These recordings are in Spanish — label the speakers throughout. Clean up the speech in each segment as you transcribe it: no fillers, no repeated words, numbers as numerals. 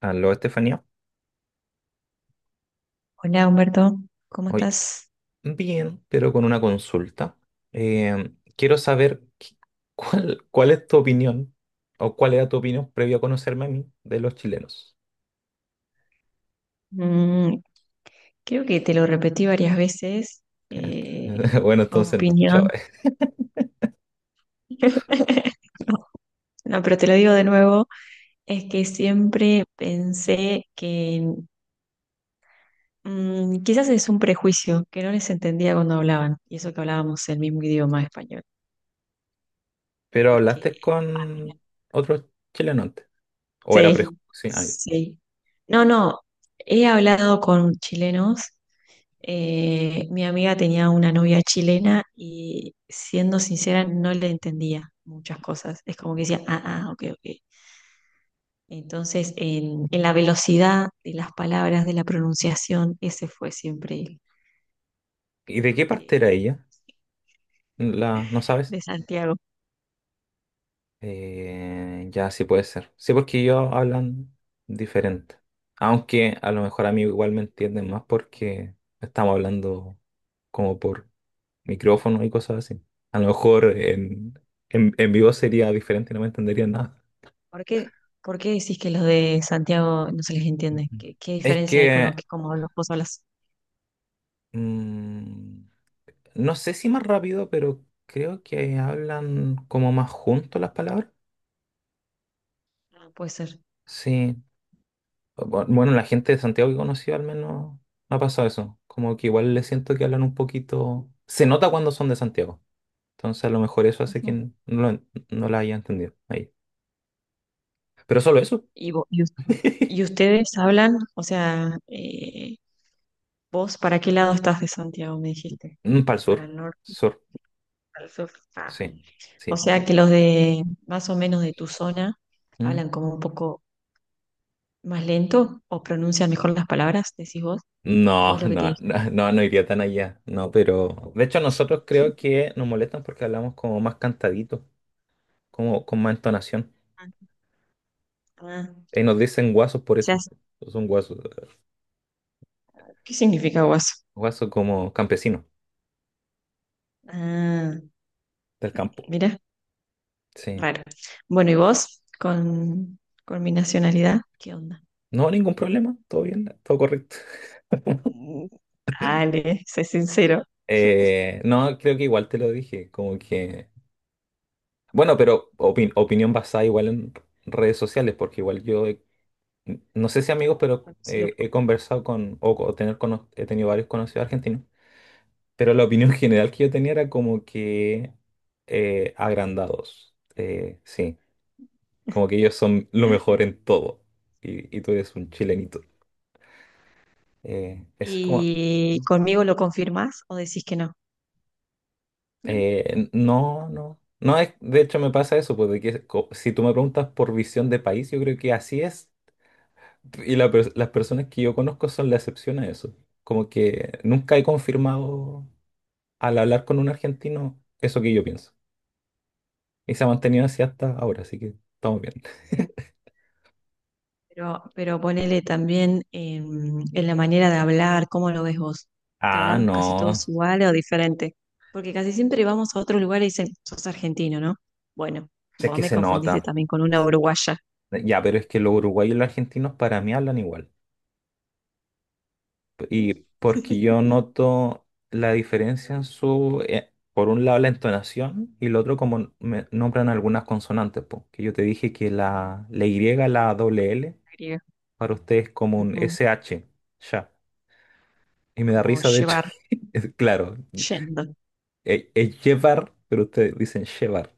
Speaker 1: Aló, Estefanía.
Speaker 2: Hola Humberto, ¿cómo
Speaker 1: Hoy,
Speaker 2: estás?
Speaker 1: bien, pero con una consulta. Quiero saber qué- cuál es tu opinión o cuál era tu opinión previo a conocerme a mí de los chilenos.
Speaker 2: Mm, Creo que te lo repetí varias veces. Eh,
Speaker 1: Bueno, entonces no, chao.
Speaker 2: opinión. No, pero te lo digo de nuevo. Es que siempre pensé que quizás es un prejuicio, que no les entendía cuando hablaban. Y eso que hablábamos el mismo idioma español.
Speaker 1: Pero
Speaker 2: Porque
Speaker 1: hablaste con otro chileno antes, o era
Speaker 2: sí,
Speaker 1: prejuicio. Ah, ya.
Speaker 2: sí. No, no. He hablado con chilenos. Mi amiga tenía una novia chilena y siendo sincera no le entendía muchas cosas. Es como que decía, ah, ah, ok, ok. Entonces, en la velocidad de las palabras, de la pronunciación, ese fue siempre el-
Speaker 1: ¿Y de
Speaker 2: lo
Speaker 1: qué parte era
Speaker 2: que
Speaker 1: ella? La, ¿no sabes?
Speaker 2: de Santiago.
Speaker 1: Ya sí puede ser. Sí, porque ellos hablan diferente. Aunque a lo mejor a mí igual me entienden más porque estamos hablando como por micrófono y cosas así. A lo mejor en vivo sería diferente y no me entenderían nada.
Speaker 2: ¿Por qué, por qué decís que los de Santiago no se les entiende?
Speaker 1: Ujú.
Speaker 2: ¿Qué
Speaker 1: Es
Speaker 2: diferencia hay con lo
Speaker 1: que
Speaker 2: que como los vos hablas?
Speaker 1: mm, no sé si más rápido, pero creo que hablan como más juntos las palabras.
Speaker 2: Ah, puede ser.
Speaker 1: Sí, bueno, la gente de Santiago que conocí al menos ha pasado eso. Como que igual le siento que hablan un poquito. Se nota cuando son de Santiago. Entonces a lo mejor eso hace que
Speaker 2: Ujú.
Speaker 1: no, lo no la haya entendido ahí. Pero solo eso.
Speaker 2: ¿Y, vo- y us- y ustedes hablan? O sea, vos, ¿para qué lado estás de Santiago? Me dijiste.
Speaker 1: Para el
Speaker 2: Para
Speaker 1: sur.
Speaker 2: el norte,
Speaker 1: Sur.
Speaker 2: para el sur. Ah.
Speaker 1: Sí.
Speaker 2: O
Speaker 1: Sí, bien.
Speaker 2: sea que los de más o menos de tu zona
Speaker 1: Mm.
Speaker 2: hablan como un poco más lento o pronuncian mejor las palabras, decís vos, o
Speaker 1: No,
Speaker 2: es lo que te
Speaker 1: no, no,
Speaker 2: dicen.
Speaker 1: no, no iría tan allá. No, pero. De hecho, nosotros creo que nos molestan porque hablamos como más cantadito, como con más entonación.
Speaker 2: Ah, ah. O
Speaker 1: Y nos dicen guasos por
Speaker 2: sea,
Speaker 1: eso. Son guasos.
Speaker 2: ¿qué significa guaso?
Speaker 1: Guasos como campesinos
Speaker 2: Ah,
Speaker 1: del campo.
Speaker 2: mira,
Speaker 1: Sí.
Speaker 2: raro. Bueno, ¿y vos con mi nacionalidad? ¿Qué onda?
Speaker 1: No, ningún problema, todo bien, todo correcto.
Speaker 2: Mm, dale, sé sincero.
Speaker 1: No, creo que igual te lo dije, como que... Bueno, pero opinión basada igual en redes sociales, porque igual yo, no sé si amigos, pero
Speaker 2: Conocido.
Speaker 1: he conversado con, o, he tenido varios conocidos argentinos, pero la opinión general que yo tenía era como que agrandados, sí, como que ellos son lo mejor en todo, y tú eres un chilenito. Es como...
Speaker 2: ¿Y conmigo lo confirmás o decís que no?
Speaker 1: No, no. No es, de hecho me pasa eso, pues de que si tú me preguntas por visión de país, yo creo que así es. Y la las personas que yo conozco son la excepción a eso. Como que nunca he confirmado al hablar con un argentino eso que yo pienso. Y se ha mantenido así hasta ahora, así que estamos bien.
Speaker 2: Pero ponele también en la manera de hablar, ¿cómo lo ves vos? ¿Que
Speaker 1: Ah,
Speaker 2: hablamos casi
Speaker 1: no,
Speaker 2: todos igual o diferente? Porque casi siempre vamos a otro lugar y dicen, sos argentino, ¿no? Bueno,
Speaker 1: es
Speaker 2: vos
Speaker 1: que
Speaker 2: me
Speaker 1: se
Speaker 2: confundiste
Speaker 1: nota.
Speaker 2: también con una uruguaya.
Speaker 1: Ya, pero es que los uruguayos y los argentinos para mí hablan igual. Y porque yo noto la diferencia en su, por un lado la entonación y el otro como me nombran algunas consonantes, po, que yo te dije que la, la Y, la doble L,
Speaker 2: Griega.
Speaker 1: para ustedes es como un
Speaker 2: Ujú.
Speaker 1: SH, ya. Y me da
Speaker 2: Como
Speaker 1: risa, de hecho,
Speaker 2: llevar,
Speaker 1: es claro,
Speaker 2: yendo.
Speaker 1: es llevar, pero ustedes dicen llevar.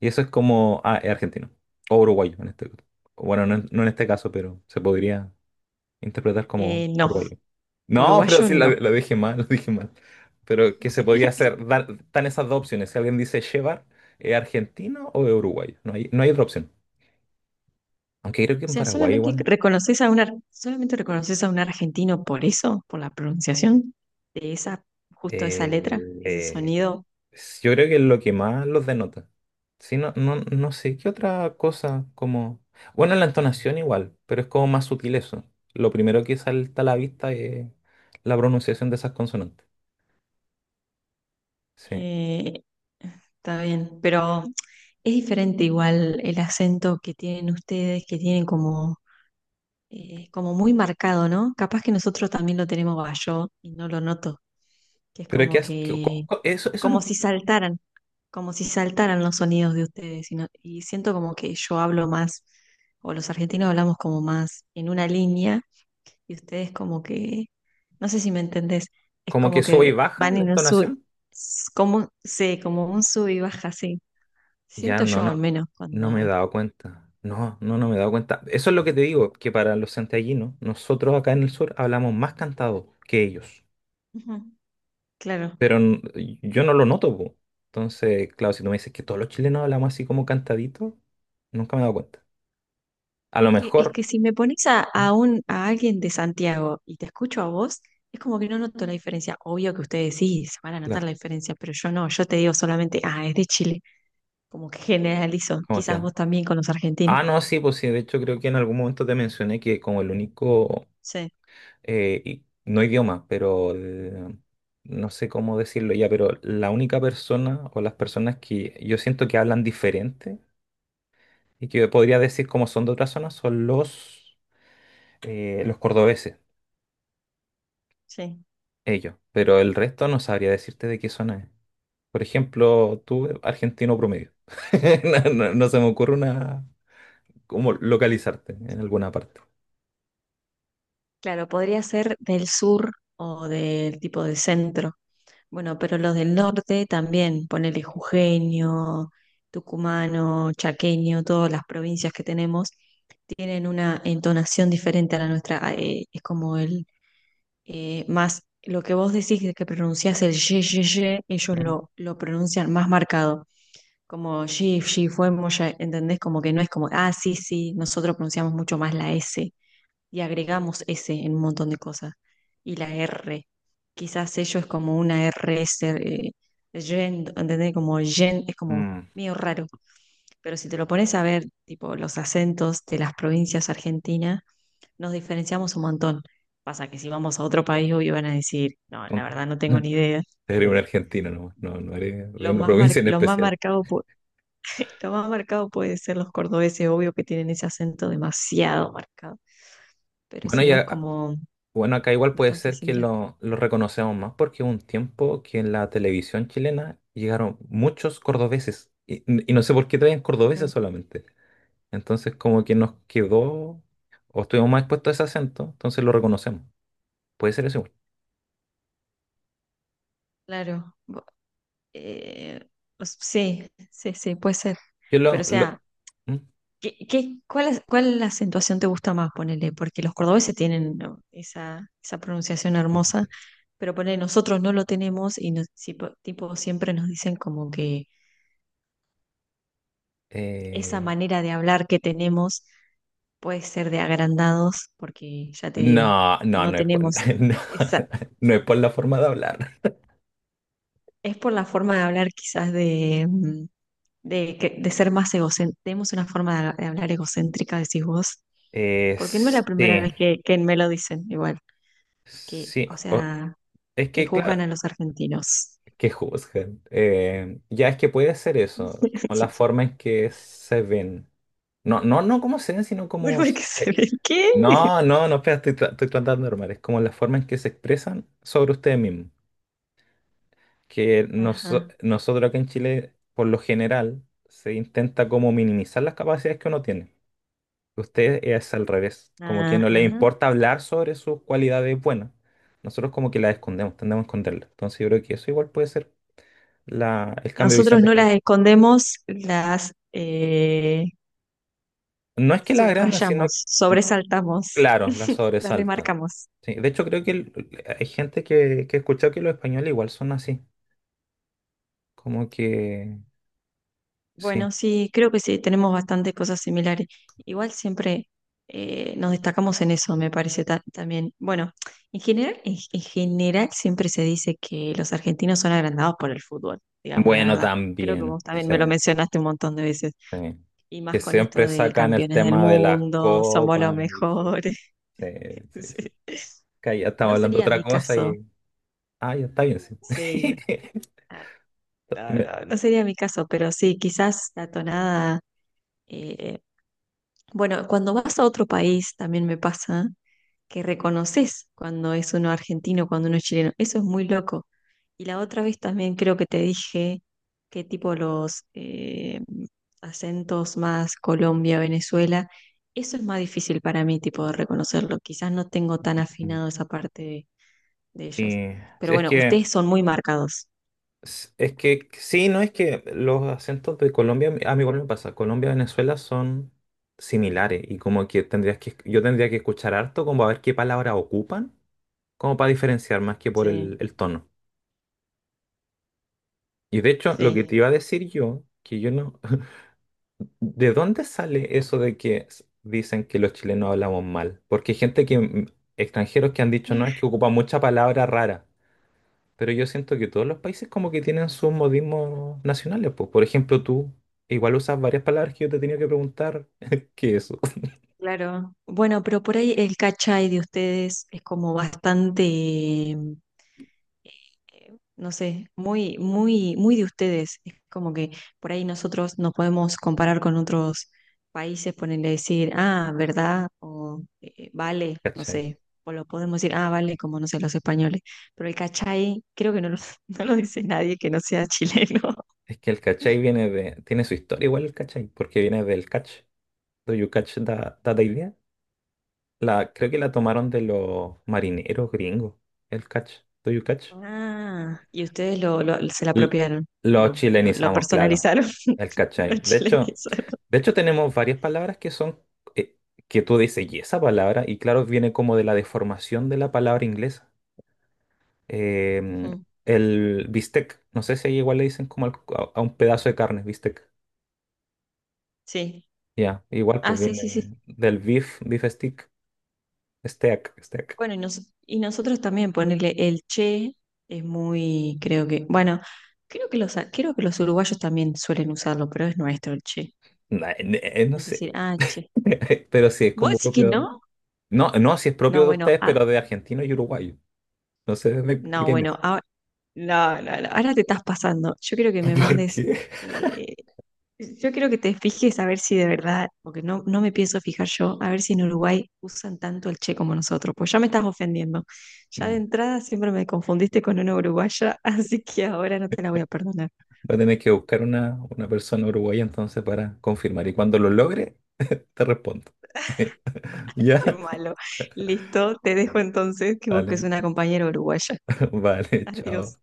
Speaker 1: Y eso es como, ah, es argentino, o uruguayo en este, caso. Bueno, no, en no en este caso, pero se podría interpretar como
Speaker 2: Eh, no,
Speaker 1: orgullo. No, pero
Speaker 2: Uruguayo
Speaker 1: sí,
Speaker 2: no.
Speaker 1: lo dije mal, lo dije mal. Pero qué se podía hacer, dar, están esas dos opciones. Si alguien dice llevar, ¿es argentino o es uruguayo? No hay, no hay otra opción. Aunque creo que
Speaker 2: O
Speaker 1: en
Speaker 2: sea,
Speaker 1: Paraguay igual.
Speaker 2: solamente reconoces a un argentino por eso, por la pronunciación de esa, justo esa
Speaker 1: eh,
Speaker 2: letra, ese
Speaker 1: eh,
Speaker 2: sonido.
Speaker 1: yo creo que es lo que más los denota. Sí, no, no, no sé, ¿qué otra cosa como... Bueno, la entonación igual, pero es como más sutil eso. Lo primero que salta a la vista es la pronunciación de esas consonantes. Sí.
Speaker 2: Eh, Está bien, pero es diferente igual el acento que tienen ustedes, que tienen como, como muy marcado, ¿no? Capaz que nosotros también lo tenemos, va, yo y no lo noto, que es
Speaker 1: Pero ¿qué
Speaker 2: como
Speaker 1: has...
Speaker 2: que,
Speaker 1: eso, eso no
Speaker 2: como si saltaran, como si saltaran los sonidos de ustedes, y, y siento como que yo hablo más, o los argentinos hablamos como más en una línea y ustedes como que, no sé si me entendés, es
Speaker 1: Como que
Speaker 2: como
Speaker 1: sube y
Speaker 2: que
Speaker 1: baja
Speaker 2: van
Speaker 1: la
Speaker 2: en un sub,
Speaker 1: entonación.
Speaker 2: como un sub y baja, sí.
Speaker 1: Ya
Speaker 2: Siento
Speaker 1: no,
Speaker 2: yo al
Speaker 1: no,
Speaker 2: menos
Speaker 1: no me he
Speaker 2: cuando...
Speaker 1: dado cuenta. No, no, no me he dado cuenta. Eso es lo que te digo, que para los santiaguinos, nosotros acá en el sur hablamos más cantado que ellos.
Speaker 2: Ujú, claro.
Speaker 1: Pero yo no lo noto, po. Entonces, claro, si tú me dices que todos los chilenos hablamos así como cantadito, nunca me he dado cuenta. A lo
Speaker 2: Es
Speaker 1: mejor,
Speaker 2: que si me pones a, a alguien de Santiago y te escucho a vos, es como que no noto la diferencia. Obvio que ustedes sí se van a notar
Speaker 1: claro,
Speaker 2: la diferencia, pero yo no, yo te digo solamente, ah, es de Chile, como que generalizo,
Speaker 1: como
Speaker 2: quizás
Speaker 1: que...
Speaker 2: vos también con los argentinos.
Speaker 1: Ah, no, sí, pues sí, de hecho creo que en algún momento te mencioné que como el único
Speaker 2: Sí,
Speaker 1: no idioma, pero no sé cómo decirlo ya, pero la única persona o las personas que yo siento que hablan diferente y que podría decir cómo son de otras zonas son los cordobeses,
Speaker 2: sí.
Speaker 1: ellos, pero el resto no sabría decirte de qué zona es. Por ejemplo, tú, argentino promedio. No, no se me ocurre una, cómo localizarte en alguna parte.
Speaker 2: Claro, podría ser del sur o del tipo de centro. Bueno, pero los del norte también, ponele jujeño, tucumano, chaqueño, todas las provincias que tenemos, tienen una entonación diferente a la nuestra. Ah, es como el más, lo que vos decís que pronunciás el ye, ye, ye, ellos
Speaker 1: Mm.
Speaker 2: lo pronuncian más marcado. Como ye, ye, fue, moya, ¿entendés? Como que no es como, ah, sí, sí, nosotros pronunciamos mucho más la S y agregamos S en un montón de cosas. Y la R, quizás sello es como una RS, gen, ¿entendés? Como gen, es como
Speaker 1: Mm.
Speaker 2: medio raro. Pero si te lo pones a ver, tipo los acentos de las provincias argentinas, nos diferenciamos un montón. Pasa que si vamos a otro país, obvio van a decir, no, la verdad no tengo ni idea.
Speaker 1: Eres un
Speaker 2: Eh,
Speaker 1: argentino nomás, no, no eres de una provincia en
Speaker 2: lo más
Speaker 1: especial.
Speaker 2: marcado, lo más marcado puede ser los cordobeses, obvio que tienen ese acento demasiado marcado. Pero
Speaker 1: Bueno,
Speaker 2: si no es
Speaker 1: ya
Speaker 2: como
Speaker 1: Bueno, acá igual puede
Speaker 2: bastante
Speaker 1: ser que
Speaker 2: similar.
Speaker 1: lo reconocemos más porque hubo un tiempo que en la televisión chilena llegaron muchos cordobeses y no sé por qué traían cordobeses
Speaker 2: Mm,
Speaker 1: solamente. Entonces como que nos quedó o estuvimos más expuestos a ese acento, entonces lo reconocemos. Puede ser eso, igual.
Speaker 2: Claro. Eh, pues, sí, sí, sí, puede ser.
Speaker 1: Yo
Speaker 2: Pero o
Speaker 1: lo...
Speaker 2: sea,
Speaker 1: lo- ¿Mm?
Speaker 2: ¿cuál acentuación te gusta más, ponele? Porque los cordobeses tienen ¿no? esa pronunciación hermosa, pero ponele, nosotros no lo tenemos y nos- si po- tipo, siempre nos dicen como que esa
Speaker 1: Eh,
Speaker 2: manera de hablar que tenemos puede ser de agrandados, porque ya te digo,
Speaker 1: no, no,
Speaker 2: no
Speaker 1: no es por,
Speaker 2: tenemos
Speaker 1: no,
Speaker 2: esa...
Speaker 1: no es por la forma de hablar.
Speaker 2: Es por la forma de hablar quizás de de ser más egocéntrica. Tenemos una forma de, de hablar egocéntrica, decís vos. Porque no es la primera
Speaker 1: Sí,
Speaker 2: vez que me lo dicen, igual. Que,
Speaker 1: sí.
Speaker 2: o sea,
Speaker 1: Es
Speaker 2: que
Speaker 1: que,
Speaker 2: juzgan
Speaker 1: claro.
Speaker 2: a los argentinos.
Speaker 1: Que juzguen. Ya es que puede ser eso, como la forma en que se ven. No, no, no como se ven, sino como...
Speaker 2: Bueno, hay que se ve. ¿Qué?
Speaker 1: No, no, no, espera, estoy, estoy tratando de normal. Es como la forma en que se expresan sobre ustedes mismos. Que
Speaker 2: Ajá,
Speaker 1: nosotros acá en Chile, por lo general, se intenta como minimizar las capacidades que uno tiene. Ustedes es al revés, como que no les
Speaker 2: ajá.
Speaker 1: importa hablar sobre sus cualidades buenas. Nosotros como que las escondemos, tendemos a esconderlas. Entonces yo creo que eso igual puede ser el cambio de visión
Speaker 2: Nosotros
Speaker 1: de
Speaker 2: no
Speaker 1: que
Speaker 2: las escondemos, las
Speaker 1: No es que la agrandan, sino,
Speaker 2: subrayamos,
Speaker 1: mm,
Speaker 2: sobresaltamos,
Speaker 1: claro, la
Speaker 2: las
Speaker 1: sobresaltan.
Speaker 2: remarcamos.
Speaker 1: Sí, de hecho, creo que hay gente que he escuchado que los españoles igual son así, como que, sí.
Speaker 2: Bueno, sí, creo que sí, tenemos bastantes cosas similares. Igual siempre nos destacamos en eso, me parece también. Bueno, en general, en general siempre se dice que los argentinos son agrandados por el fútbol, digamos la
Speaker 1: Bueno,
Speaker 2: verdad. Creo que
Speaker 1: también,
Speaker 2: vos también
Speaker 1: sí,
Speaker 2: me lo mencionaste un montón de veces.
Speaker 1: sí.
Speaker 2: Y más
Speaker 1: Que
Speaker 2: con esto
Speaker 1: siempre
Speaker 2: de
Speaker 1: sacan el
Speaker 2: campeones del
Speaker 1: tema de las
Speaker 2: mundo, somos los
Speaker 1: copas. Y
Speaker 2: mejores.
Speaker 1: sí, sí, sí,
Speaker 2: Sí.
Speaker 1: sí. Que ya estamos
Speaker 2: No
Speaker 1: hablando de
Speaker 2: sería
Speaker 1: otra
Speaker 2: mi
Speaker 1: cosa
Speaker 2: caso,
Speaker 1: y... Ah, ya está bien, sí.
Speaker 2: sí. No,
Speaker 1: Está
Speaker 2: no,
Speaker 1: bien.
Speaker 2: no, no sería mi caso, pero sí, quizás la tonada. eh, Bueno, cuando vas a otro país también me pasa que reconoces cuando es uno argentino, cuando uno es chileno. Eso es muy loco. Y la otra vez también creo que te dije que tipo los acentos más Colombia, Venezuela, eso es más difícil para mí tipo de reconocerlo. Quizás no tengo tan afinado esa parte de ellos.
Speaker 1: Sí,
Speaker 2: Pero
Speaker 1: sí, es
Speaker 2: bueno,
Speaker 1: que
Speaker 2: ustedes son muy marcados.
Speaker 1: Es que sí, no es que los acentos de Colombia, a mí igual me pasa, Colombia y Venezuela son similares y como que tendrías que, yo tendría que escuchar harto como a ver qué palabras ocupan, como para diferenciar más que por
Speaker 2: Sí,
Speaker 1: el tono. Y de hecho, lo que te
Speaker 2: sí.
Speaker 1: iba a decir yo, que yo no, ¿de dónde sale eso de que dicen que los chilenos hablamos mal? Porque hay gente que, extranjeros que han dicho, no, es que ocupa mucha palabra rara. Pero yo siento que todos los países como que tienen sus modismos nacionales, pues. Por ejemplo, tú igual usas varias palabras que yo te he tenido que preguntar qué es eso,
Speaker 2: Claro. Bueno, pero por ahí el cachai de ustedes es como bastante no sé, muy, muy, muy de ustedes. Es como que por ahí nosotros nos podemos comparar con otros países, ponerle decir, ah, ¿verdad? O vale, no
Speaker 1: ¿cachai?
Speaker 2: sé. O lo podemos decir, ah, vale, como no sé, los españoles. Pero el cachai, creo que no lo, no lo dice nadie que no sea chileno.
Speaker 1: Es que el cachai viene de, tiene su historia igual el cachai, porque viene del catch. Do you catch that, that idea? La, creo que la tomaron de los marineros gringos, el catch. Do you catch?
Speaker 2: Ah, y ustedes se la
Speaker 1: L-
Speaker 2: apropiaron y
Speaker 1: Lo
Speaker 2: lo
Speaker 1: chilenizamos, claro.
Speaker 2: personalizaron,
Speaker 1: El
Speaker 2: lo
Speaker 1: cachai.
Speaker 2: chilenizaron.
Speaker 1: De hecho tenemos varias palabras que son eh, que tú dices, y esa palabra, y claro, viene como de la deformación de la palabra inglesa. Em,
Speaker 2: Ujú,
Speaker 1: el bistec, no sé si ahí igual le dicen como a un pedazo de carne, bistec.
Speaker 2: sí.
Speaker 1: Ya, igual
Speaker 2: Ah,
Speaker 1: pues
Speaker 2: sí, sí, sí.
Speaker 1: viene del beef, beef stick, steak, steak.
Speaker 2: Bueno, y nosotros también ponerle el che es muy, creo que, bueno, creo que los uruguayos también suelen usarlo, pero es nuestro el che.
Speaker 1: No,
Speaker 2: Es decir,
Speaker 1: sé,
Speaker 2: ah, che.
Speaker 1: pero sí es
Speaker 2: ¿Vos
Speaker 1: como
Speaker 2: decís que
Speaker 1: propio.
Speaker 2: no?
Speaker 1: No, no, si es
Speaker 2: No,
Speaker 1: propio de
Speaker 2: bueno,
Speaker 1: ustedes,
Speaker 2: ah,
Speaker 1: pero de argentino y uruguayo. No sé de
Speaker 2: no,
Speaker 1: quién
Speaker 2: bueno,
Speaker 1: es.
Speaker 2: ah, no, no, no, ahora te estás pasando. Yo quiero que me
Speaker 1: ¿Por
Speaker 2: mandes,
Speaker 1: qué?
Speaker 2: eh, yo quiero que te fijes a ver si de verdad, porque no, no me pienso fijar yo, a ver si en Uruguay usan tanto el che como nosotros, pues ya me estás ofendiendo. Ya de
Speaker 1: Mm.
Speaker 2: entrada siempre me confundiste con una uruguaya, así que ahora no te la voy a perdonar.
Speaker 1: Va a tener que buscar una persona uruguaya entonces para confirmar. Y cuando lo logre, te respondo.
Speaker 2: Qué
Speaker 1: ¿Ya?
Speaker 2: malo. Listo, te dejo entonces que busques
Speaker 1: Vale,
Speaker 2: una compañera uruguaya.
Speaker 1: vale, chao.
Speaker 2: Adiós.